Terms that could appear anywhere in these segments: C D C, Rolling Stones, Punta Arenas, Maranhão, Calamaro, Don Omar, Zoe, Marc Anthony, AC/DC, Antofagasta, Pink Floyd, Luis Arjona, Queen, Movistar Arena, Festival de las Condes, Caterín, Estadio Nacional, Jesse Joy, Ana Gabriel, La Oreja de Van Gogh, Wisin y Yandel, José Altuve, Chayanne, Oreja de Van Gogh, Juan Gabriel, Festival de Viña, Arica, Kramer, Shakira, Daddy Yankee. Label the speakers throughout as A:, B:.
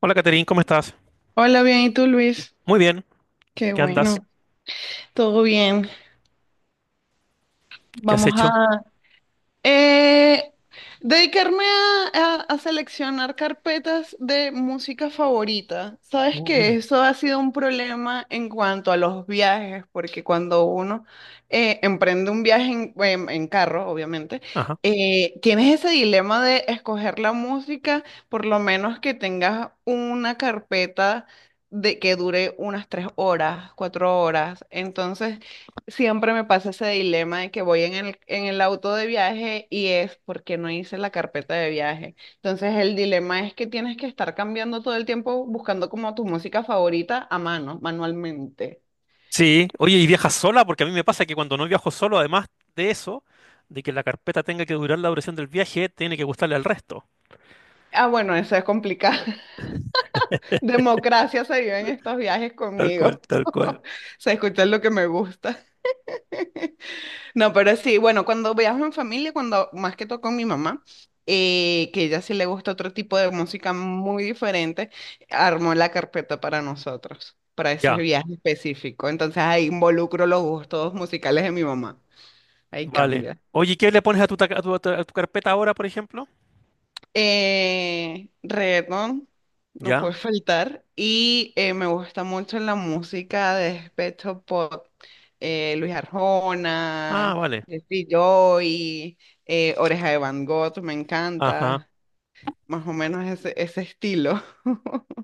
A: Hola, Caterín, ¿cómo estás?
B: Hola, bien, ¿y tú, Luis?
A: Muy bien,
B: Qué
A: ¿qué andas?
B: bueno, todo bien.
A: ¿Qué has
B: Vamos a,
A: hecho?
B: Eh, dedicarme a seleccionar carpetas de música favorita. Sabes
A: Oh,
B: que
A: mira.
B: eso ha sido un problema en cuanto a los viajes, porque cuando uno emprende un viaje en carro, obviamente,
A: Ajá.
B: tienes ese dilema de escoger la música, por lo menos que tengas una carpeta de que dure unas tres horas, cuatro horas. Entonces, siempre me pasa ese dilema de que voy en el auto de viaje y es porque no hice la carpeta de viaje. Entonces el dilema es que tienes que estar cambiando todo el tiempo buscando como tu música favorita a mano, manualmente.
A: Sí, oye, ¿y viajas sola? Porque a mí me pasa que cuando no viajo solo, además de eso, de que la carpeta tenga que durar la duración del viaje, tiene que gustarle al resto.
B: Ah, bueno, eso es complicado. Democracia se vive en estos viajes
A: Tal
B: conmigo.
A: cual, tal cual.
B: Se escucha lo que me gusta. No, pero sí, bueno, cuando viajo en familia, cuando más que todo con mi mamá, que ella sí le gusta otro tipo de música muy diferente, armó la carpeta para nosotros, para ese
A: Ya,
B: viaje específico. Entonces ahí involucro los gustos musicales de mi mamá. Ahí
A: vale.
B: cambia.
A: Oye, ¿qué le pones a tu, ta- a tu, a tu- a tu carpeta ahora, por ejemplo?
B: Reggaetón, no
A: Ya.
B: puede faltar. Y me gusta mucho la música de despecho pop. Luis
A: Ah,
B: Arjona,
A: vale.
B: Jesse Joy, Oreja de Van Gogh, me
A: Ajá,
B: encanta. Más o menos ese estilo.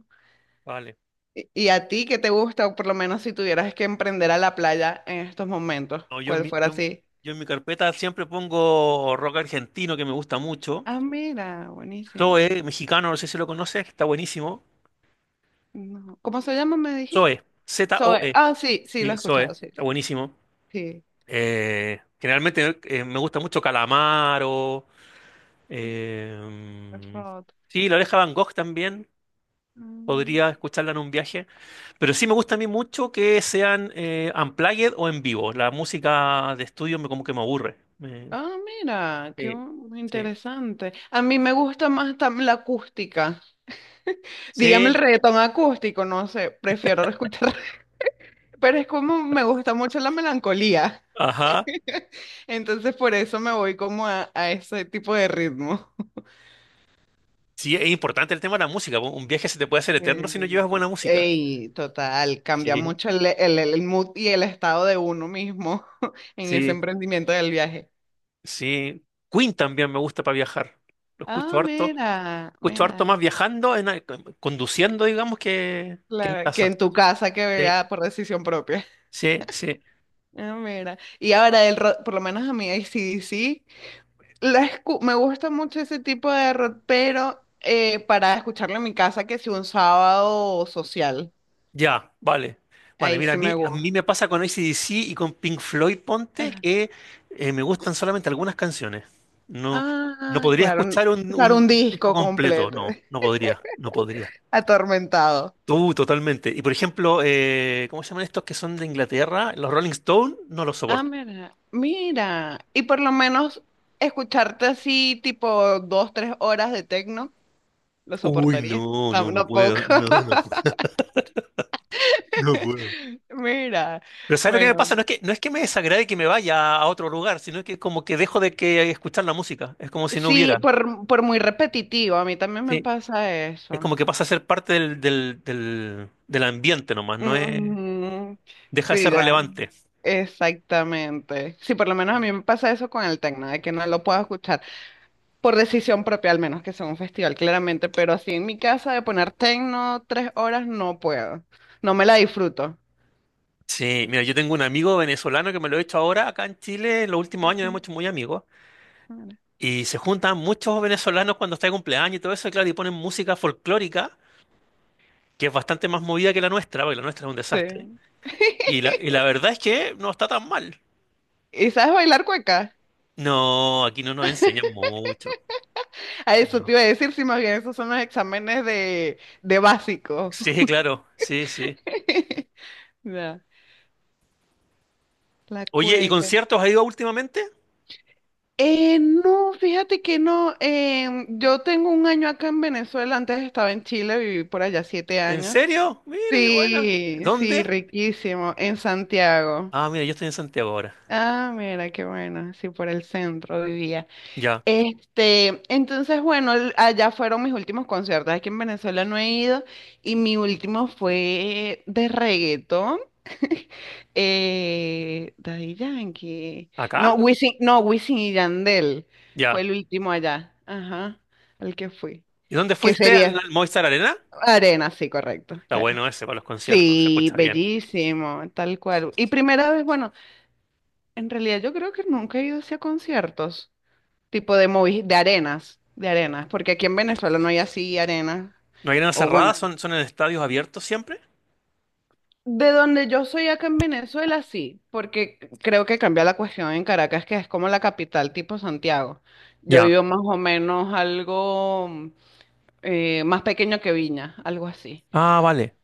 A: vale.
B: ¿Y a ti qué te gusta? O por lo menos si tuvieras que emprender a la playa en estos momentos,
A: No, yo en
B: ¿cuál
A: mi,
B: fuera
A: yo, en-
B: así?
A: yo en mi carpeta siempre pongo rock argentino, que me gusta mucho.
B: Ah, mira, buenísimo.
A: Zoe, mexicano, no sé si lo conoces, está buenísimo.
B: No. ¿Cómo se llama, me dijiste?
A: Zoe,
B: Soy,
A: Zoe.
B: ah, sí, sí, lo he
A: Sí, Zoe,
B: escuchado, sí.
A: está buenísimo.
B: Sí.
A: Generalmente me gusta mucho Calamaro. eh,
B: Rod.
A: sí, La Oreja de Van Gogh también.
B: Mm.
A: Podría escucharla en un viaje. Pero sí me gusta a mí mucho que sean unplugged o en vivo. La música de estudio me como que me aburre.
B: Ah, mira,
A: Sí, sí.
B: interesante. A mí me gusta más la acústica. Dígame el
A: Sí,
B: reggaetón acústico, no sé, prefiero escuchar, pero es como me gusta mucho la melancolía.
A: ajá.
B: Entonces por eso me voy como a ese tipo de ritmo.
A: Sí, es importante el tema de la música. Un viaje se te puede hacer eterno
B: Eh,
A: si no llevas buena música.
B: Ey, total, cambia
A: Sí,
B: mucho el mood y el estado de uno mismo en ese
A: sí,
B: emprendimiento del viaje.
A: sí. Queen también me gusta para viajar. Lo escucho
B: Ah,
A: harto.
B: mira,
A: Escucho harto más
B: mira.
A: viajando, conduciendo, digamos, que en
B: Claro, que
A: casa.
B: en tu casa que
A: Sí.
B: vea por decisión propia.
A: Sí, sí,
B: Ah, mira. Y ahora, el rock, por lo menos a mí, AC/DC, me gusta mucho ese tipo de rock, pero para escucharlo en mi casa, que si un sábado social,
A: ya, vale. Vale,
B: ahí
A: mira, a
B: sí
A: mí,
B: me
A: a mí
B: gusta.
A: me pasa con CDC y con Pink Floyd, ponte,
B: Ah,
A: que me gustan solamente algunas canciones. No, no
B: ah,
A: podría
B: claro, n-
A: escuchar un,
B: claro, un
A: un disco
B: disco
A: completo,
B: completo,
A: no, no podría, no podría.
B: atormentado.
A: Tú, totalmente. Y por ejemplo, ¿cómo se llaman estos que son de Inglaterra? Los Rolling Stones, no los
B: Ah,
A: soporto.
B: mira, mira. Y por lo menos escucharte así, tipo dos, tres horas de tecno, lo
A: Uy,
B: soportaría.
A: no, no, no puedo,
B: Tampoco.
A: no, no, puedo, no puedo.
B: Mira,
A: Pero ¿sabes lo que me
B: bueno,
A: pasa? No es que me desagrade que me vaya a otro lugar, sino que es como que dejo de que escuchar la música. Es como si no
B: sí,
A: hubiera.
B: por muy repetitivo, a mí también me
A: Sí.
B: pasa
A: Es
B: eso.
A: como que pasa a ser parte del ambiente nomás, no es,
B: Ujú,
A: deja de
B: sí,
A: ser
B: da,
A: relevante.
B: exactamente. Sí, por lo menos a mí me pasa eso con el tecno, de que no lo puedo escuchar por decisión propia, al menos que sea un festival, claramente, pero así en mi casa de poner tecno tres horas no puedo, no me la disfruto.
A: Sí, mira, yo tengo un amigo venezolano que me lo he hecho ahora acá en Chile, en los últimos
B: Ok,
A: años hemos hecho muy amigos,
B: mira,
A: y se juntan muchos venezolanos cuando está de cumpleaños y todo eso, y claro, y ponen música folclórica, que es bastante más movida que la nuestra, porque la nuestra es un desastre.
B: sí.
A: Y la verdad es que no está tan mal.
B: ¿Y sabes bailar cueca?
A: No, aquí no nos enseñan mucho.
B: A eso te
A: No.
B: iba a decir, si más bien esos son los exámenes de básico.
A: Sí, claro, sí, sí.
B: Ya, la
A: Oye, ¿y
B: cueca.
A: conciertos has ido últimamente?
B: No, fíjate que no. Yo tengo un año acá en Venezuela, antes estaba en Chile, viví por allá siete
A: ¿En
B: años.
A: serio? Mira, qué buena.
B: Sí, sí,
A: ¿Dónde?
B: riquísimo, en Santiago.
A: Ah, mira, yo estoy en Santiago ahora.
B: Ah, mira, qué bueno, sí, por el centro vivía.
A: Ya.
B: Este, entonces, bueno, allá fueron mis últimos conciertos. Aquí en Venezuela no he ido y mi último fue de reggaetón. Daddy Yankee.
A: ¿Acá?
B: No,
A: No.
B: Wisin, no, Wisin y Yandel fue
A: Ya.
B: el último allá. Ajá, al que fui.
A: ¿Y dónde
B: Que
A: fuiste? ¿Al,
B: sería
A: al Movistar Arena?
B: Arena, sí, correcto,
A: Está
B: claro.
A: bueno ese para los conciertos, se
B: Sí,
A: escucha bien.
B: bellísimo, tal cual. Y primera vez, bueno, en realidad yo creo que nunca he ido hacia conciertos. De arenas, de arenas, porque aquí en Venezuela no hay así arenas.
A: ¿No hay arenas
B: O bueno,
A: cerradas? Sí. ¿Son en estadios abiertos siempre?
B: de donde yo soy acá en Venezuela sí, porque creo que cambia la cuestión en Caracas, que es como la capital tipo Santiago. Yo
A: Ya.
B: vivo más o menos algo más pequeño que Viña, algo así.
A: Ah, vale.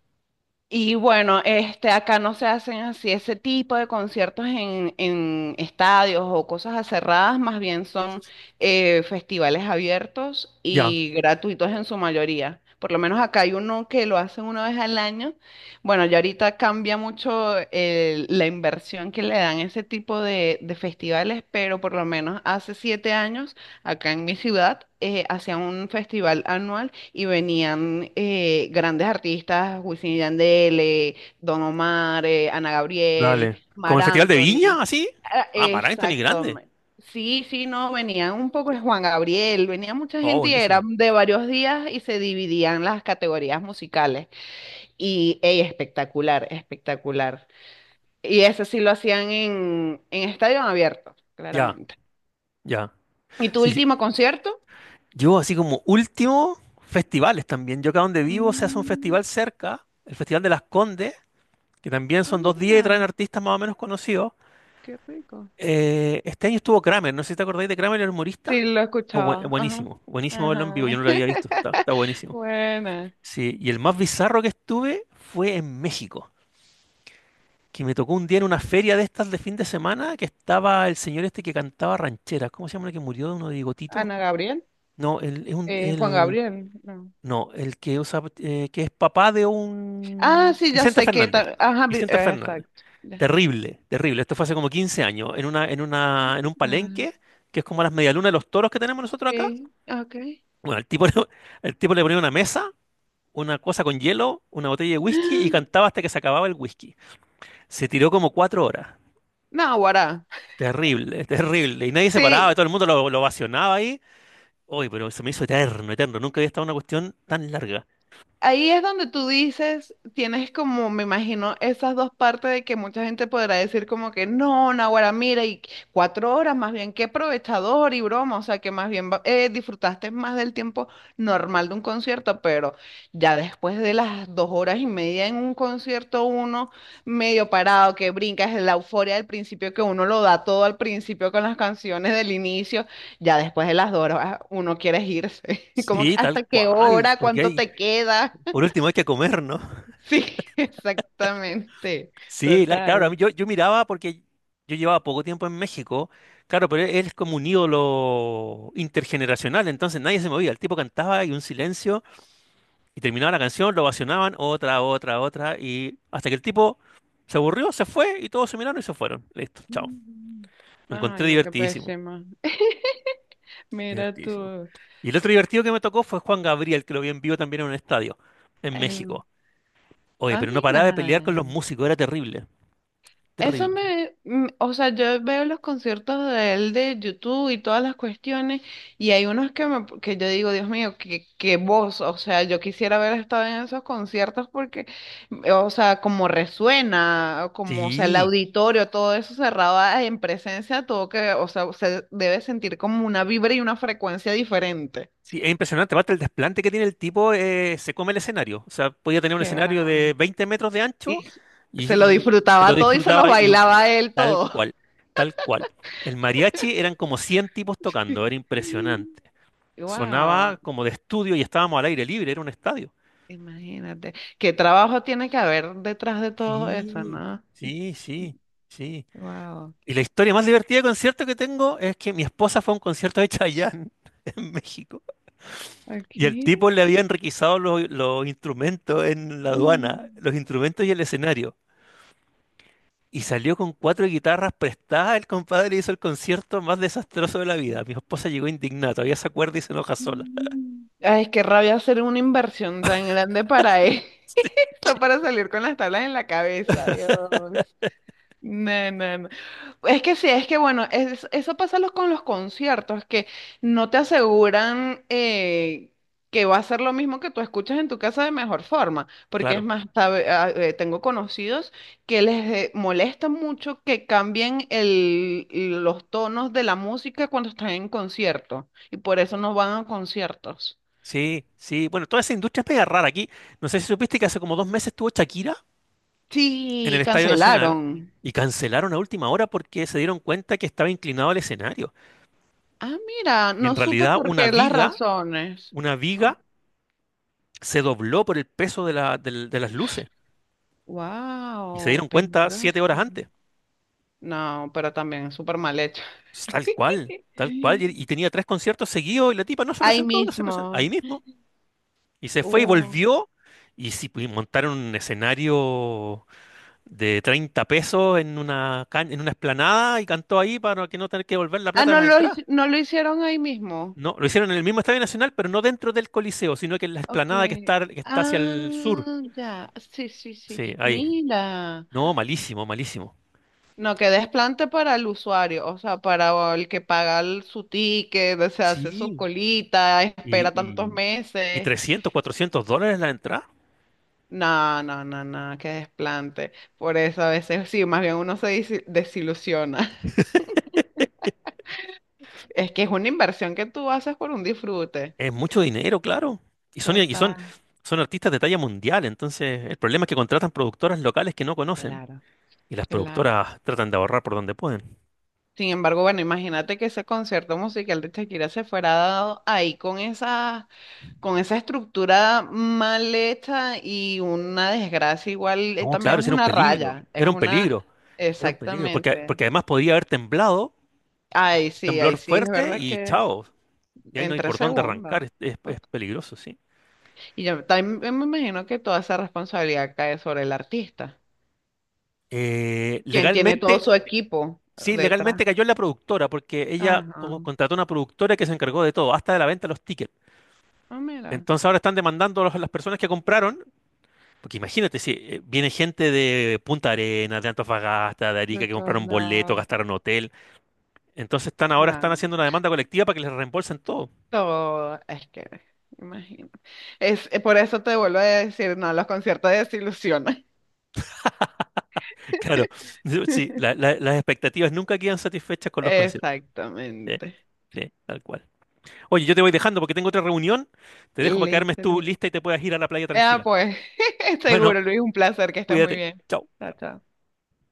B: Y bueno, este, acá no se hacen así ese tipo de conciertos en estadios o cosas cerradas, más bien son festivales abiertos
A: Ya.
B: y gratuitos en su mayoría. Por lo menos acá hay uno que lo hacen una vez al año. Bueno, ya ahorita cambia mucho la inversión que le dan a ese tipo de festivales, pero por lo menos hace siete años, acá en mi ciudad, hacían un festival anual y venían grandes artistas, Wisin y Yandel, Don Omar, Ana Gabriel,
A: Dale. ¿Como
B: Mar
A: el Festival de Viña,
B: Anthony.
A: así?
B: Ah,
A: Ah, Maranhão es
B: exacto.
A: grande.
B: Sí, sí, no, venían un poco de Juan Gabriel, venía mucha
A: Oh,
B: gente y
A: buenísimo.
B: eran de varios días y se dividían las categorías musicales. Y ey, espectacular, espectacular. Y eso sí lo hacían en estadio abierto,
A: Ya,
B: claramente.
A: ya.
B: ¿Y tu
A: Sí, sí.
B: último concierto?
A: Yo así como último, festivales también. Yo acá donde vivo se hace un
B: Mm,
A: festival cerca, el Festival de las Condes, que también
B: ah,
A: son dos días y
B: mira,
A: traen artistas más o menos conocidos.
B: qué rico.
A: Este año estuvo Kramer, no sé si te acordáis de Kramer, el humorista.
B: Sí, lo
A: Es
B: escuchaba. Ajá.
A: buenísimo, buenísimo verlo en vivo, yo
B: Ajá.
A: no lo había visto, está, está buenísimo.
B: Buena.
A: Sí, y el más bizarro que estuve fue en México, que me tocó un día en una feria de estas de fin de semana que estaba el señor este que cantaba rancheras, ¿cómo se llama el que murió de uno de bigotito?
B: Ana Gabriel.
A: No, el, es un-
B: Juan
A: el,
B: Gabriel. No.
A: no, el que usa, que es papá de
B: Ah,
A: un
B: sí, ya
A: Vicente
B: sé que.
A: Fernández.
B: Ajá,
A: Vicente Fernández.
B: exacto. Ya.
A: Terrible, terrible. Esto fue hace como 15 años, en un
B: Ah,
A: palenque, que es como las medialunas de los toros que tenemos nosotros acá.
B: sí, ok.
A: Bueno, el tipo, el tipo le ponía una mesa, una cosa con hielo, una botella de whisky y cantaba hasta que se acababa el whisky. Se tiró como 4 horas.
B: No, guará.
A: Terrible, terrible. Y nadie se paraba,
B: Sí,
A: todo el mundo lo ovacionaba ahí. Uy, pero se me hizo eterno, eterno. Nunca había estado en una cuestión tan larga.
B: ahí es donde tú dices, tienes como, me imagino, esas dos partes de que mucha gente podrá decir como que no, Naguará, mira, y cuatro horas, más bien qué aprovechador y broma, o sea que más bien disfrutaste más del tiempo normal de un concierto, pero ya después de las dos horas y media en un concierto, uno medio parado, que brincas, la euforia del principio, que uno lo da todo al principio con las canciones del inicio, ya después de las dos horas uno quiere irse. Como que
A: Sí, tal
B: hasta qué
A: cual,
B: hora,
A: porque
B: cuánto
A: hay,
B: te queda.
A: por último, hay que comer, ¿no?
B: Sí, exactamente.
A: Sí, la- claro, a mí
B: Total.
A: yo, yo miraba porque yo llevaba poco tiempo en México, claro, pero él es como un ídolo intergeneracional, entonces nadie se movía, el tipo cantaba y un silencio, y terminaba la canción, lo ovacionaban, otra, otra, otra, y hasta que el tipo se aburrió, se fue, y todos se miraron y se fueron. Listo, chao.
B: Mm.
A: Lo
B: Ay,
A: encontré
B: no, qué
A: divertidísimo,
B: pésima. Mira
A: divertidísimo.
B: tú.
A: Y el otro divertido que me tocó fue Juan Gabriel, que lo vi en vivo también en un estadio, en
B: El...
A: México. Oye,
B: Ah,
A: pero no
B: mira.
A: paraba de pelear con los músicos, era terrible,
B: Eso
A: terrible.
B: me, mm, o sea, yo veo los conciertos de él de YouTube y todas las cuestiones, y hay unos que me, que yo digo, Dios mío, qué, qué voz, o sea, yo quisiera haber estado en esos conciertos porque, mm, o sea, como resuena, o como, o sea, el
A: Sí.
B: auditorio, todo eso cerrado en presencia, todo que, o sea, se debe sentir como una vibra y una frecuencia diferente.
A: Sí, es impresionante. Aparte, el desplante que tiene el tipo se come el escenario. O sea, podía tener un
B: Qué
A: escenario
B: brava.
A: de 20 metros de ancho
B: Y s-
A: y,
B: Se lo
A: y se lo
B: disfrutaba todo y se lo
A: disfrutaba y
B: bailaba a él
A: tal
B: todo.
A: cual, tal cual. El mariachi eran como 100 tipos tocando, era impresionante. Sonaba
B: Wow.
A: como de estudio y estábamos al aire libre, era un estadio.
B: Imagínate. ¿Qué trabajo tiene que haber detrás de todo eso,
A: Sí,
B: no?
A: sí, sí, sí.
B: Wow.
A: Y la historia más divertida de concierto que tengo es que mi esposa fue a un concierto de Chayanne en México. Y el
B: Aquí.
A: tipo le había enriquizado los instrumentos en la aduana,
B: Mm.
A: los instrumentos y el escenario. Y salió con 4 guitarras prestadas. El compadre hizo el concierto más desastroso de la vida. Mi esposa llegó indignada, todavía se acuerda y se enoja sola.
B: Mm. Ay, es que rabia hacer una inversión tan grande para eso, para salir con las tablas en la cabeza, Dios. No, no, no. Es que sí, es que bueno, eso pasa con los conciertos, que no te aseguran que va a ser lo mismo que tú escuchas en tu casa de mejor forma, porque es
A: Claro,
B: más, tengo conocidos que les molesta mucho que cambien los tonos de la música cuando están en concierto, y por eso no van a conciertos.
A: sí, sí. Bueno, toda esa industria es mega rara aquí. No sé si supiste que hace como 2 meses estuvo Shakira en el
B: Sí,
A: Estadio Nacional
B: cancelaron.
A: y cancelaron a última hora porque se dieron cuenta que estaba inclinado al escenario.
B: Ah, mira,
A: Y en
B: no supe
A: realidad
B: por qué las razones.
A: una viga se dobló por el peso de las luces. Y se
B: Wow,
A: dieron cuenta 7 horas
B: peligroso.
A: antes.
B: No, pero también es súper mal hecho.
A: Tal cual, tal cual. Y tenía 3 conciertos seguidos y la tipa no se
B: Ahí
A: presentó, no se presentó.
B: mismo.
A: Ahí mismo. Y se fue y
B: Uh.
A: volvió. Y sí, pues, montaron un escenario de 30 pesos en una, en una explanada y cantó ahí para que no tener que devolver la
B: Ah,
A: plata de
B: no
A: las
B: lo,
A: entradas.
B: no lo hicieron ahí mismo.
A: No, lo hicieron en el mismo Estadio Nacional, pero no dentro del Coliseo, sino que en la
B: Ok.
A: explanada que está hacia el sur.
B: Ah, ya. Sí, sí, sí.
A: Sí, ahí.
B: Mira.
A: No, malísimo, malísimo.
B: No, que desplante para el usuario, o sea, para el que paga su ticket, o sea, hace su
A: Sí.
B: colita, espera
A: Y,
B: tantos
A: y, y
B: meses.
A: 300, $400 la entrada.
B: No, no, no, no, que desplante. Por eso a veces sí, más bien uno desilusiona. Es que es una inversión que tú haces por un disfrute.
A: Es mucho dinero, claro. Y son, y son,
B: Total.
A: son artistas de talla mundial, entonces el problema es que contratan productoras locales que no conocen
B: Claro,
A: y las
B: claro.
A: productoras tratan de ahorrar por donde pueden.
B: Sin embargo, bueno, imagínate que ese concierto musical de Shakira se fuera dado ahí con esa estructura mal hecha y una desgracia igual,
A: No, claro,
B: también es
A: eso era un
B: una
A: peligro,
B: raya, es
A: era un
B: una,
A: peligro, era un peligro, porque,
B: exactamente.
A: porque además podría haber temblado,
B: Ay, sí, ahí
A: temblor
B: sí, es
A: fuerte
B: verdad
A: y
B: que
A: chao, y ahí no
B: en
A: hay
B: tres
A: por dónde
B: segundos.
A: arrancar, es, es
B: Ok.
A: peligroso, sí.
B: Y yo también me imagino que toda esa responsabilidad cae sobre el artista, quien tiene todo
A: Legalmente,
B: su equipo
A: sí,
B: detrás.
A: legalmente cayó en la productora, porque ella
B: Ajá.
A: contrató una productora que se encargó de todo, hasta de la venta de los tickets.
B: Ah, mira.
A: Entonces ahora están demandando a las personas que compraron. Porque imagínate, si viene gente de Punta Arenas, de Antofagasta, de
B: De
A: Arica, que
B: todos
A: compraron boleto,
B: lados.
A: gastaron hotel. Entonces están ahora están
B: No,
A: haciendo una demanda colectiva para que les reembolsen todo.
B: todo, es que, me imagino. Es, por eso te vuelvo a decir, no, los conciertos desilusionan.
A: Claro, sí, las expectativas nunca quedan satisfechas con los conciertos. Sí,
B: Exactamente.
A: sí, tal cual. Oye, yo te voy dejando porque tengo otra reunión. Te dejo para que armes
B: Listo,
A: tu
B: Luis.
A: lista y te puedas ir a la playa
B: Ah,
A: tranquila.
B: pues,
A: Bueno,
B: seguro, Luis, un placer, que estés muy
A: cuídate.
B: bien.
A: Chao.
B: Chao, chao.